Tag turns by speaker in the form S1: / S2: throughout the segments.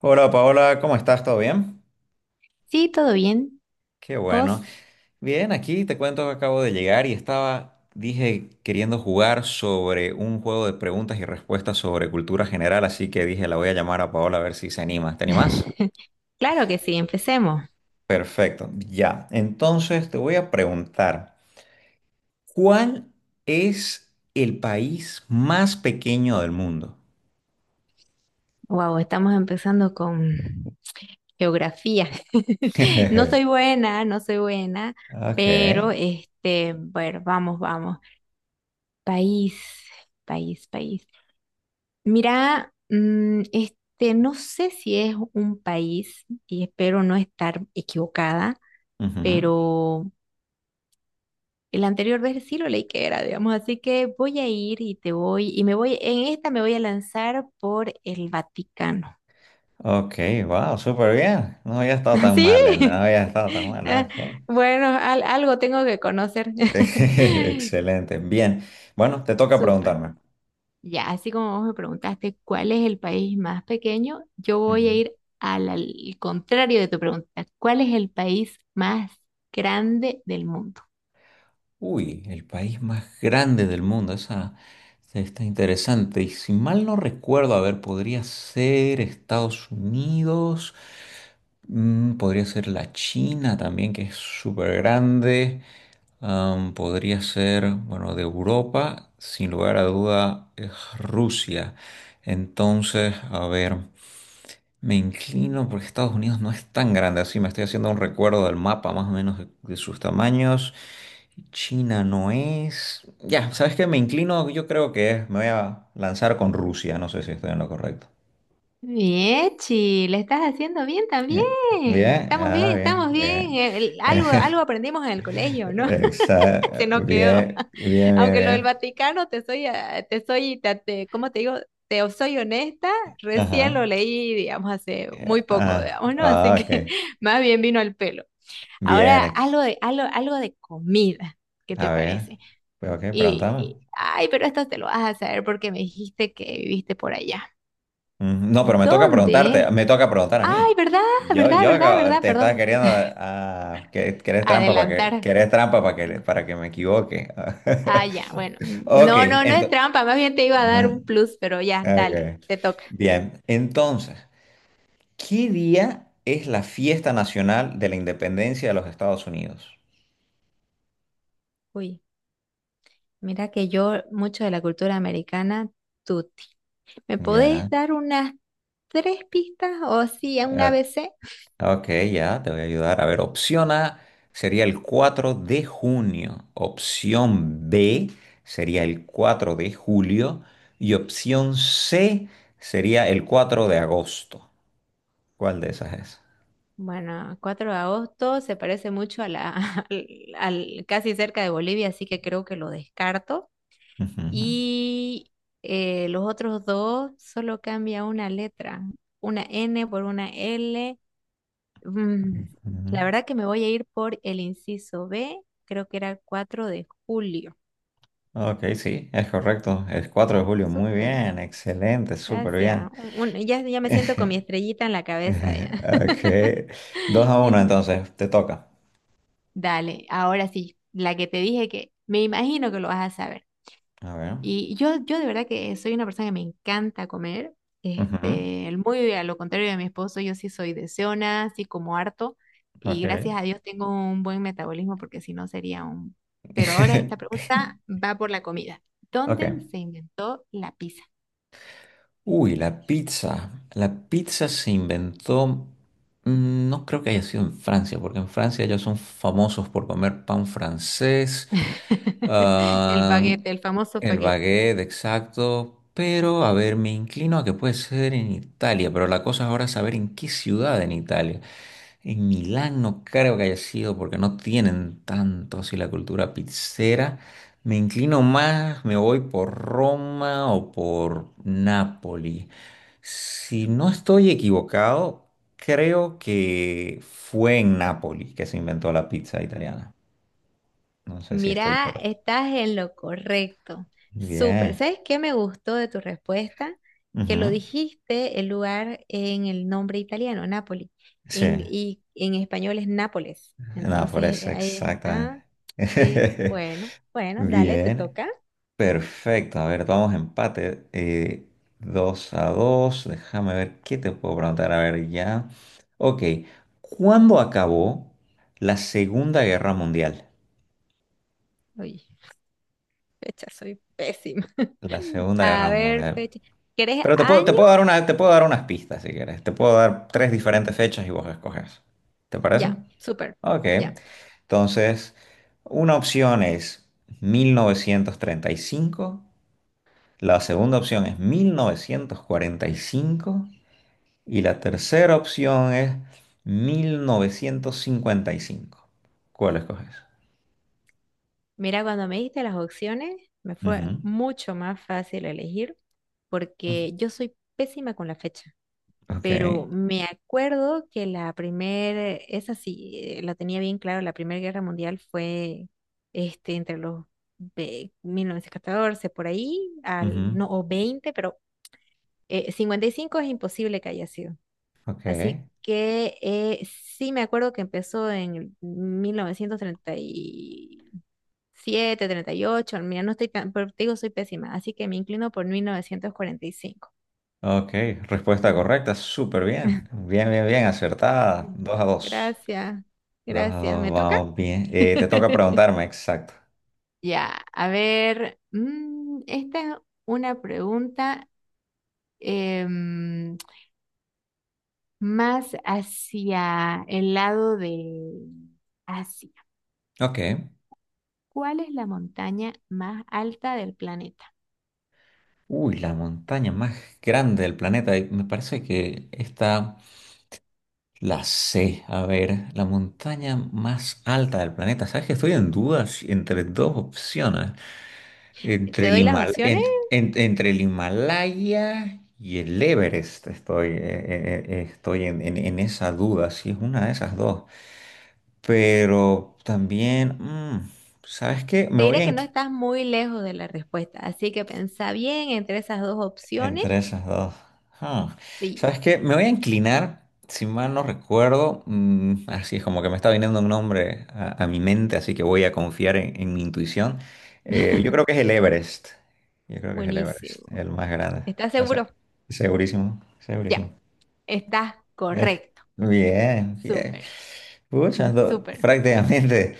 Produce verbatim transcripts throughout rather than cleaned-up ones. S1: Hola Paola, ¿cómo estás? ¿Todo bien?
S2: Sí, todo bien.
S1: Qué bueno.
S2: ¿Vos?
S1: Bien, aquí te cuento que acabo de llegar y estaba, dije, queriendo jugar sobre un juego de preguntas y respuestas sobre cultura general, así que dije, la voy a llamar a Paola a ver si se anima. ¿Te animas?
S2: Claro que sí, empecemos.
S1: Perfecto, ya. Entonces te voy a preguntar, ¿cuál es el país más pequeño del mundo?
S2: Wow, estamos empezando con geografía. No soy buena, no soy buena,
S1: Ok.
S2: pero este, bueno, vamos, vamos. País, país, país. Mira, mm, este, no sé si es un país y espero no estar equivocada,
S1: Ujú.
S2: pero el anterior vez sí lo leí que era, digamos, así que voy a ir y te voy, y me voy, en esta me voy a lanzar por el Vaticano.
S1: Ok, wow, súper bien. No había estado tan mal, eh, no
S2: ¿Sí?
S1: había estado tan mal,
S2: Ah,
S1: ok.
S2: bueno, al- algo tengo que conocer.
S1: Excelente. Bien. Bueno, te toca
S2: Súper.
S1: preguntarme.
S2: Ya, así como vos me preguntaste cuál es el país más pequeño, yo voy a
S1: Ujú.
S2: ir al, al contrario de tu pregunta. ¿Cuál es el país más grande del mundo?
S1: Uy, el país más grande del mundo. Esa esa está interesante. Y si mal no recuerdo, a ver, podría ser Estados Unidos. Mm, podría ser la China también, que es súper grande. Am, podría ser, bueno, de Europa, sin lugar a duda, es Rusia. Entonces, a ver. Me inclino porque Estados Unidos no es tan grande así. Me estoy haciendo un recuerdo del mapa más o menos de, de sus tamaños. China no es. Ya, ¿sabes qué? Me inclino, yo creo que es. Me voy a lanzar con Rusia. No sé si estoy en lo correcto.
S2: Viechi, le estás haciendo bien también.
S1: Eh, Bien,
S2: Estamos
S1: ah,
S2: bien,
S1: bien,
S2: estamos bien.
S1: bien.
S2: El- algo, algo
S1: Exa-
S2: aprendimos en el colegio, ¿no? Se nos quedó.
S1: Bien, bien, bien,
S2: Aunque lo del
S1: bien.
S2: Vaticano, te soy, ah, te soy, te, te- ¿cómo te digo? Te soy honesta, recién lo
S1: Ajá.
S2: leí, digamos, hace
S1: Eh,
S2: muy poco,
S1: Ah,
S2: digamos, ¿no? Así
S1: ah, ok.
S2: que más bien vino al pelo.
S1: Bien,
S2: Ahora,
S1: ex-
S2: algo de, algo, algo de comida, ¿qué te
S1: a ver.
S2: parece?
S1: Pues, ok,
S2: Y,
S1: pregúntame.
S2: y- ay, pero esto te lo vas a saber porque me dijiste que viviste por allá.
S1: Mm, no, pero me toca preguntarte,
S2: ¿Dónde?
S1: me toca preguntar a
S2: Ay,
S1: mí.
S2: ¿verdad?
S1: Yo,
S2: ¿Verdad?
S1: yo
S2: ¿Verdad?
S1: acabo-
S2: ¿Verdad?
S1: te estaba
S2: Perdón.
S1: queriendo ah, que, que eres trampa para que, que
S2: Adelantar.
S1: eres trampa para que, para que me equivoque.
S2: Ah, ya, bueno.
S1: Ok,
S2: No, no, no es
S1: entonces.
S2: trampa. Más bien te iba a dar un plus, pero ya, dale, te toca.
S1: Bien, entonces, ¿qué día es la fiesta nacional de la independencia de los Estados Unidos?
S2: Uy, mira que yo mucho de la cultura americana, tuti. ¿Me podés
S1: Ya,
S2: dar unas tres pistas o sí, un
S1: ok.
S2: A B C?
S1: Ok, ya, te voy a ayudar. A ver, opción A sería el cuatro de junio, opción B sería el cuatro de julio y opción C sería el cuatro de agosto. ¿Cuál de esas es?
S2: Bueno, cuatro de agosto se parece mucho a la, al, al- casi cerca de Bolivia, así que creo que lo descarto.
S1: Ujú,
S2: Y eh, los otros dos solo cambia una letra, una N por una L. Mm,
S1: ujú.
S2: la verdad que me voy a ir por el inciso B, creo que era el cuatro de julio.
S1: Ok, sí, es correcto. El cuatro de julio, muy
S2: Súper,
S1: bien, excelente, súper bien.
S2: gracias. Un- un- ya, ya me siento con mi estrellita en la cabeza ya.
S1: Ok, dos a uno, entonces, te toca.
S2: Dale, ahora sí, la que te dije que me imagino que lo vas a saber.
S1: A ver.
S2: Y yo, yo de verdad que soy una persona que me encanta comer.
S1: Ujú,
S2: Este, muy a lo contrario de mi esposo, yo sí soy deseona, así como harto. Y
S1: ok.
S2: gracias a Dios tengo un buen metabolismo porque si no sería un… Pero ahora esta pregunta va por la comida.
S1: Ok.
S2: ¿Dónde se inventó la pizza?
S1: Uy, la pizza. La pizza se inventó, mm, no creo que haya sido en Francia, porque en Francia ya son famosos por comer pan francés.
S2: El
S1: Ah,
S2: baguette, el famoso
S1: el
S2: baguette.
S1: baguette, exacto. Pero, a ver, me inclino a que puede ser en Italia, pero la cosa ahora es saber en qué ciudad en Italia. En Milán no creo que haya sido porque no tienen tanto así la cultura pizzera. Me inclino más, me voy por Roma o por Nápoli. Si no estoy equivocado, creo que fue en Nápoli que se inventó la pizza italiana. No sé si estoy
S2: Mira,
S1: correcto.
S2: estás en lo correcto. Súper.
S1: Bien.
S2: ¿Sabes qué me gustó de tu respuesta? Que lo
S1: Ujú.
S2: dijiste el lugar en el nombre italiano, Nápoli.
S1: Sí.
S2: En- y en español es Nápoles.
S1: No, por
S2: Entonces,
S1: eso,
S2: eh, ahí,
S1: exactamente.
S2: ah, sí, bueno, bueno, dale, te
S1: Bien.
S2: toca.
S1: Perfecto. A ver, vamos a empate. Eh, dos a dos. Déjame ver qué te puedo preguntar. A ver, ya. Ok. ¿Cuándo acabó la Segunda Guerra Mundial?
S2: Uy, fecha, soy pésima.
S1: La Segunda
S2: A
S1: Guerra
S2: ver,
S1: Mundial.
S2: fecha. ¿Quieres
S1: Pero te puedo, te
S2: año?
S1: puedo dar una, te puedo dar unas pistas si quieres. Te puedo dar tres
S2: Ya,
S1: diferentes fechas y vos escoges. ¿Te parece?
S2: ya, súper.
S1: Ok,
S2: Ya.
S1: entonces una opción es mil novecientos treinta y cinco, la segunda opción es mil novecientos cuarenta y cinco y la tercera opción es mil novecientos cincuenta y cinco. ¿Cuál escoges?
S2: Mira, cuando me diste las opciones, me fue
S1: Ujú,
S2: mucho más fácil elegir
S1: ujú,
S2: porque yo soy pésima con la fecha,
S1: ok,
S2: pero me acuerdo que la primera, esa sí, eh, la tenía bien claro, la Primera Guerra Mundial fue este, entre los ve- mil novecientos catorce por ahí, al,
S1: ujú,
S2: no, o veinte, pero eh, cincuenta y cinco es imposible que haya sido.
S1: ok,
S2: Así que eh, sí me acuerdo que empezó en el mil novecientos treinta y siete treinta y ocho, mira, no estoy tan, pero te digo, soy pésima, así que me inclino por mil novecientos cuarenta y cinco.
S1: ok, respuesta correcta, súper bien, bien, bien, bien, acertada. Dos a dos,
S2: Gracias,
S1: dos a
S2: gracias.
S1: dos
S2: ¿Me toca?
S1: vamos bien. Eh, te toca preguntarme, exacto.
S2: Ya, a ver, mm, esta es una pregunta em, más hacia el lado de Asia.
S1: Ok.
S2: ¿Cuál es la montaña más alta del planeta?
S1: Uy, la montaña más grande del planeta. Y me parece que está la C. A ver, la montaña más alta del planeta. ¿Sabes que estoy en dudas entre dos opciones?
S2: ¿Te
S1: Entre el
S2: doy las
S1: Himal-
S2: opciones?
S1: en- en- entre el Himalaya y el Everest. Estoy, eh, eh, eh, estoy en, en- en esa duda, si es una de esas dos. Pero también, mm, ¿sabes qué? Me
S2: Te
S1: voy
S2: diré
S1: a
S2: que no estás muy lejos de la respuesta, así que pensá bien entre esas dos opciones.
S1: entre esas dos. Ah,
S2: Sí,
S1: ¿sabes qué? Me voy a inclinar, si mal no recuerdo, mm, así es como que me está viniendo un nombre a, a mi mente, así que voy a confiar en, en mi intuición. Eh, yo creo que es el Everest. Yo creo que es el Everest,
S2: buenísimo.
S1: el más grande.
S2: ¿Estás
S1: O
S2: seguro?
S1: sea, segurísimo,
S2: Ya,
S1: segurísimo.
S2: estás correcto.
S1: Bien, bien.
S2: Súper,
S1: Pucha, do-
S2: súper.
S1: prácticamente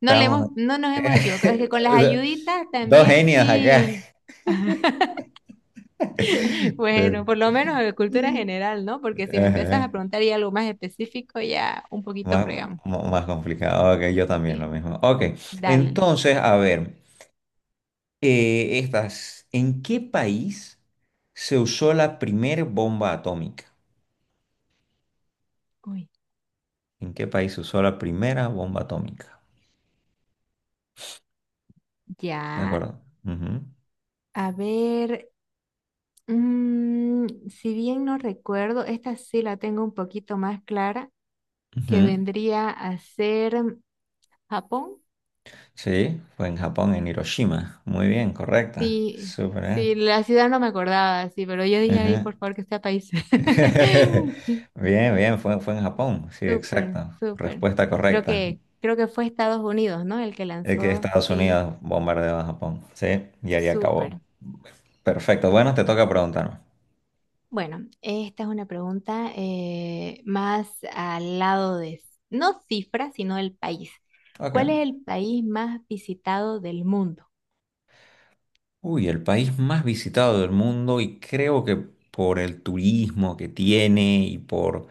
S2: No le hemos, no nos hemos equivocado, es que con las
S1: do-
S2: ayuditas
S1: dos
S2: también
S1: genios acá.
S2: sí.
S1: Pero,
S2: Bueno, por lo menos de cultura general, ¿no? Porque si me empiezas a
S1: ajá.
S2: preguntar y algo más específico, ya un poquito
S1: Más,
S2: fregamos.
S1: mo- más complicado, ok, yo también lo
S2: Sí.
S1: mismo. Ok,
S2: Dale.
S1: entonces, a ver, eh, estas, ¿en qué país se usó la primera bomba atómica?
S2: Uy.
S1: ¿En qué país se usó la primera bomba atómica? ¿De
S2: Ya.
S1: acuerdo? Ujú,
S2: A ver, Mm, si bien no recuerdo, esta sí la tengo un poquito más clara, que
S1: ujú.
S2: vendría a ser Japón.
S1: Sí, fue en Japón, en Hiroshima. Muy bien, correcta.
S2: Sí,
S1: Súper
S2: sí,
S1: bien.
S2: la ciudad no me acordaba, sí, pero yo dije, ay,
S1: Ajá.
S2: por favor, que sea país.
S1: Bien, bien, fue, fue en Japón. Sí,
S2: Súper,
S1: exacto.
S2: súper.
S1: Respuesta
S2: Creo
S1: correcta.
S2: que, creo que fue Estados Unidos, ¿no? El que
S1: Es que
S2: lanzó,
S1: Estados
S2: sí,
S1: Unidos bombardeó a Japón. Sí, y ahí acabó.
S2: súper.
S1: Perfecto, bueno, te toca preguntarme.
S2: Bueno, esta es una pregunta eh, más al lado de, no cifras, sino el país. ¿Cuál es
S1: Ok.
S2: el país más visitado del mundo?
S1: Uy, el país más visitado del mundo y creo que por el turismo que tiene y por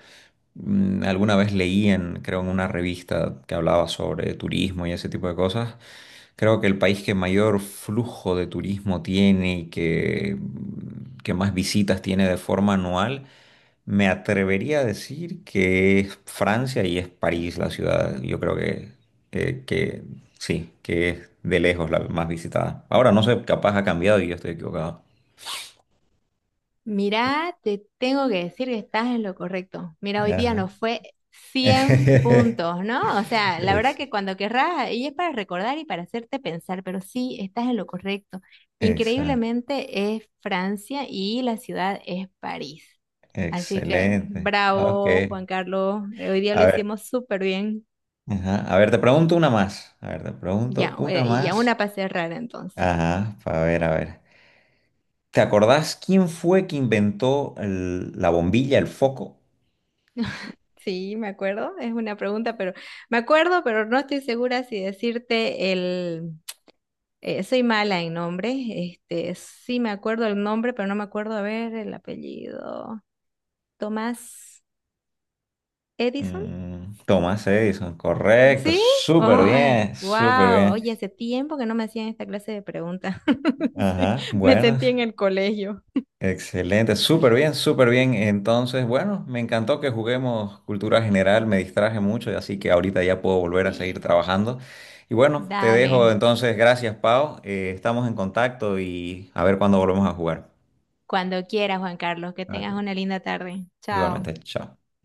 S1: mm, alguna vez leí en, creo, en una revista que hablaba sobre turismo y ese tipo de cosas. Creo que el país que mayor flujo de turismo tiene y que, que más visitas tiene de forma anual, me atrevería a decir que es Francia y es París la ciudad. Yo creo que, eh, que sí, que es de lejos la más visitada. Ahora no sé, capaz ha cambiado y yo estoy equivocado.
S2: Mirá, te tengo que decir que estás en lo correcto. Mira, hoy día
S1: Ajá.
S2: nos fue cien puntos, ¿no? O sea, la verdad
S1: Ex-
S2: que cuando querrás, y es para recordar y para hacerte pensar, pero sí, estás en lo correcto.
S1: Exacto.
S2: Increíblemente es Francia y la ciudad es París. Así que
S1: Excelente. Ok.
S2: bravo, Juan Carlos. eh, Hoy día lo
S1: A ver,
S2: hicimos súper bien.
S1: ajá, a ver, te pregunto una más. A ver, te pregunto
S2: Ya,
S1: una
S2: eh, y ya
S1: más.
S2: una para cerrar entonces.
S1: Ajá, a ver, a ver. ¿Te acordás quién fue que inventó el- la bombilla, el foco?
S2: Sí, me acuerdo, es una pregunta, pero me acuerdo, pero no estoy segura si decirte el… Eh, soy mala en nombres, este, sí me acuerdo el nombre, pero no me acuerdo, a ver, el apellido. Tomás Edison,
S1: Mm, Thomas Edison, correcto,
S2: ¿sí?
S1: súper
S2: ¡Ay,
S1: bien, súper
S2: wow!
S1: bien.
S2: Oye, hace tiempo que no me hacían esta clase de preguntas. Sí,
S1: Ajá,
S2: me
S1: bueno,
S2: sentí en el colegio.
S1: excelente, súper bien, súper bien. Entonces, bueno, me encantó que juguemos cultura general, me distraje mucho, así que ahorita ya puedo volver a seguir
S2: Sí.
S1: trabajando. Y bueno, te dejo
S2: Dale,
S1: entonces, gracias Pau. Eh, estamos en contacto y a ver cuándo volvemos a jugar.
S2: cuando quieras, Juan Carlos, que tengas
S1: Ok.
S2: una linda tarde. Chao.
S1: Igualmente, chao.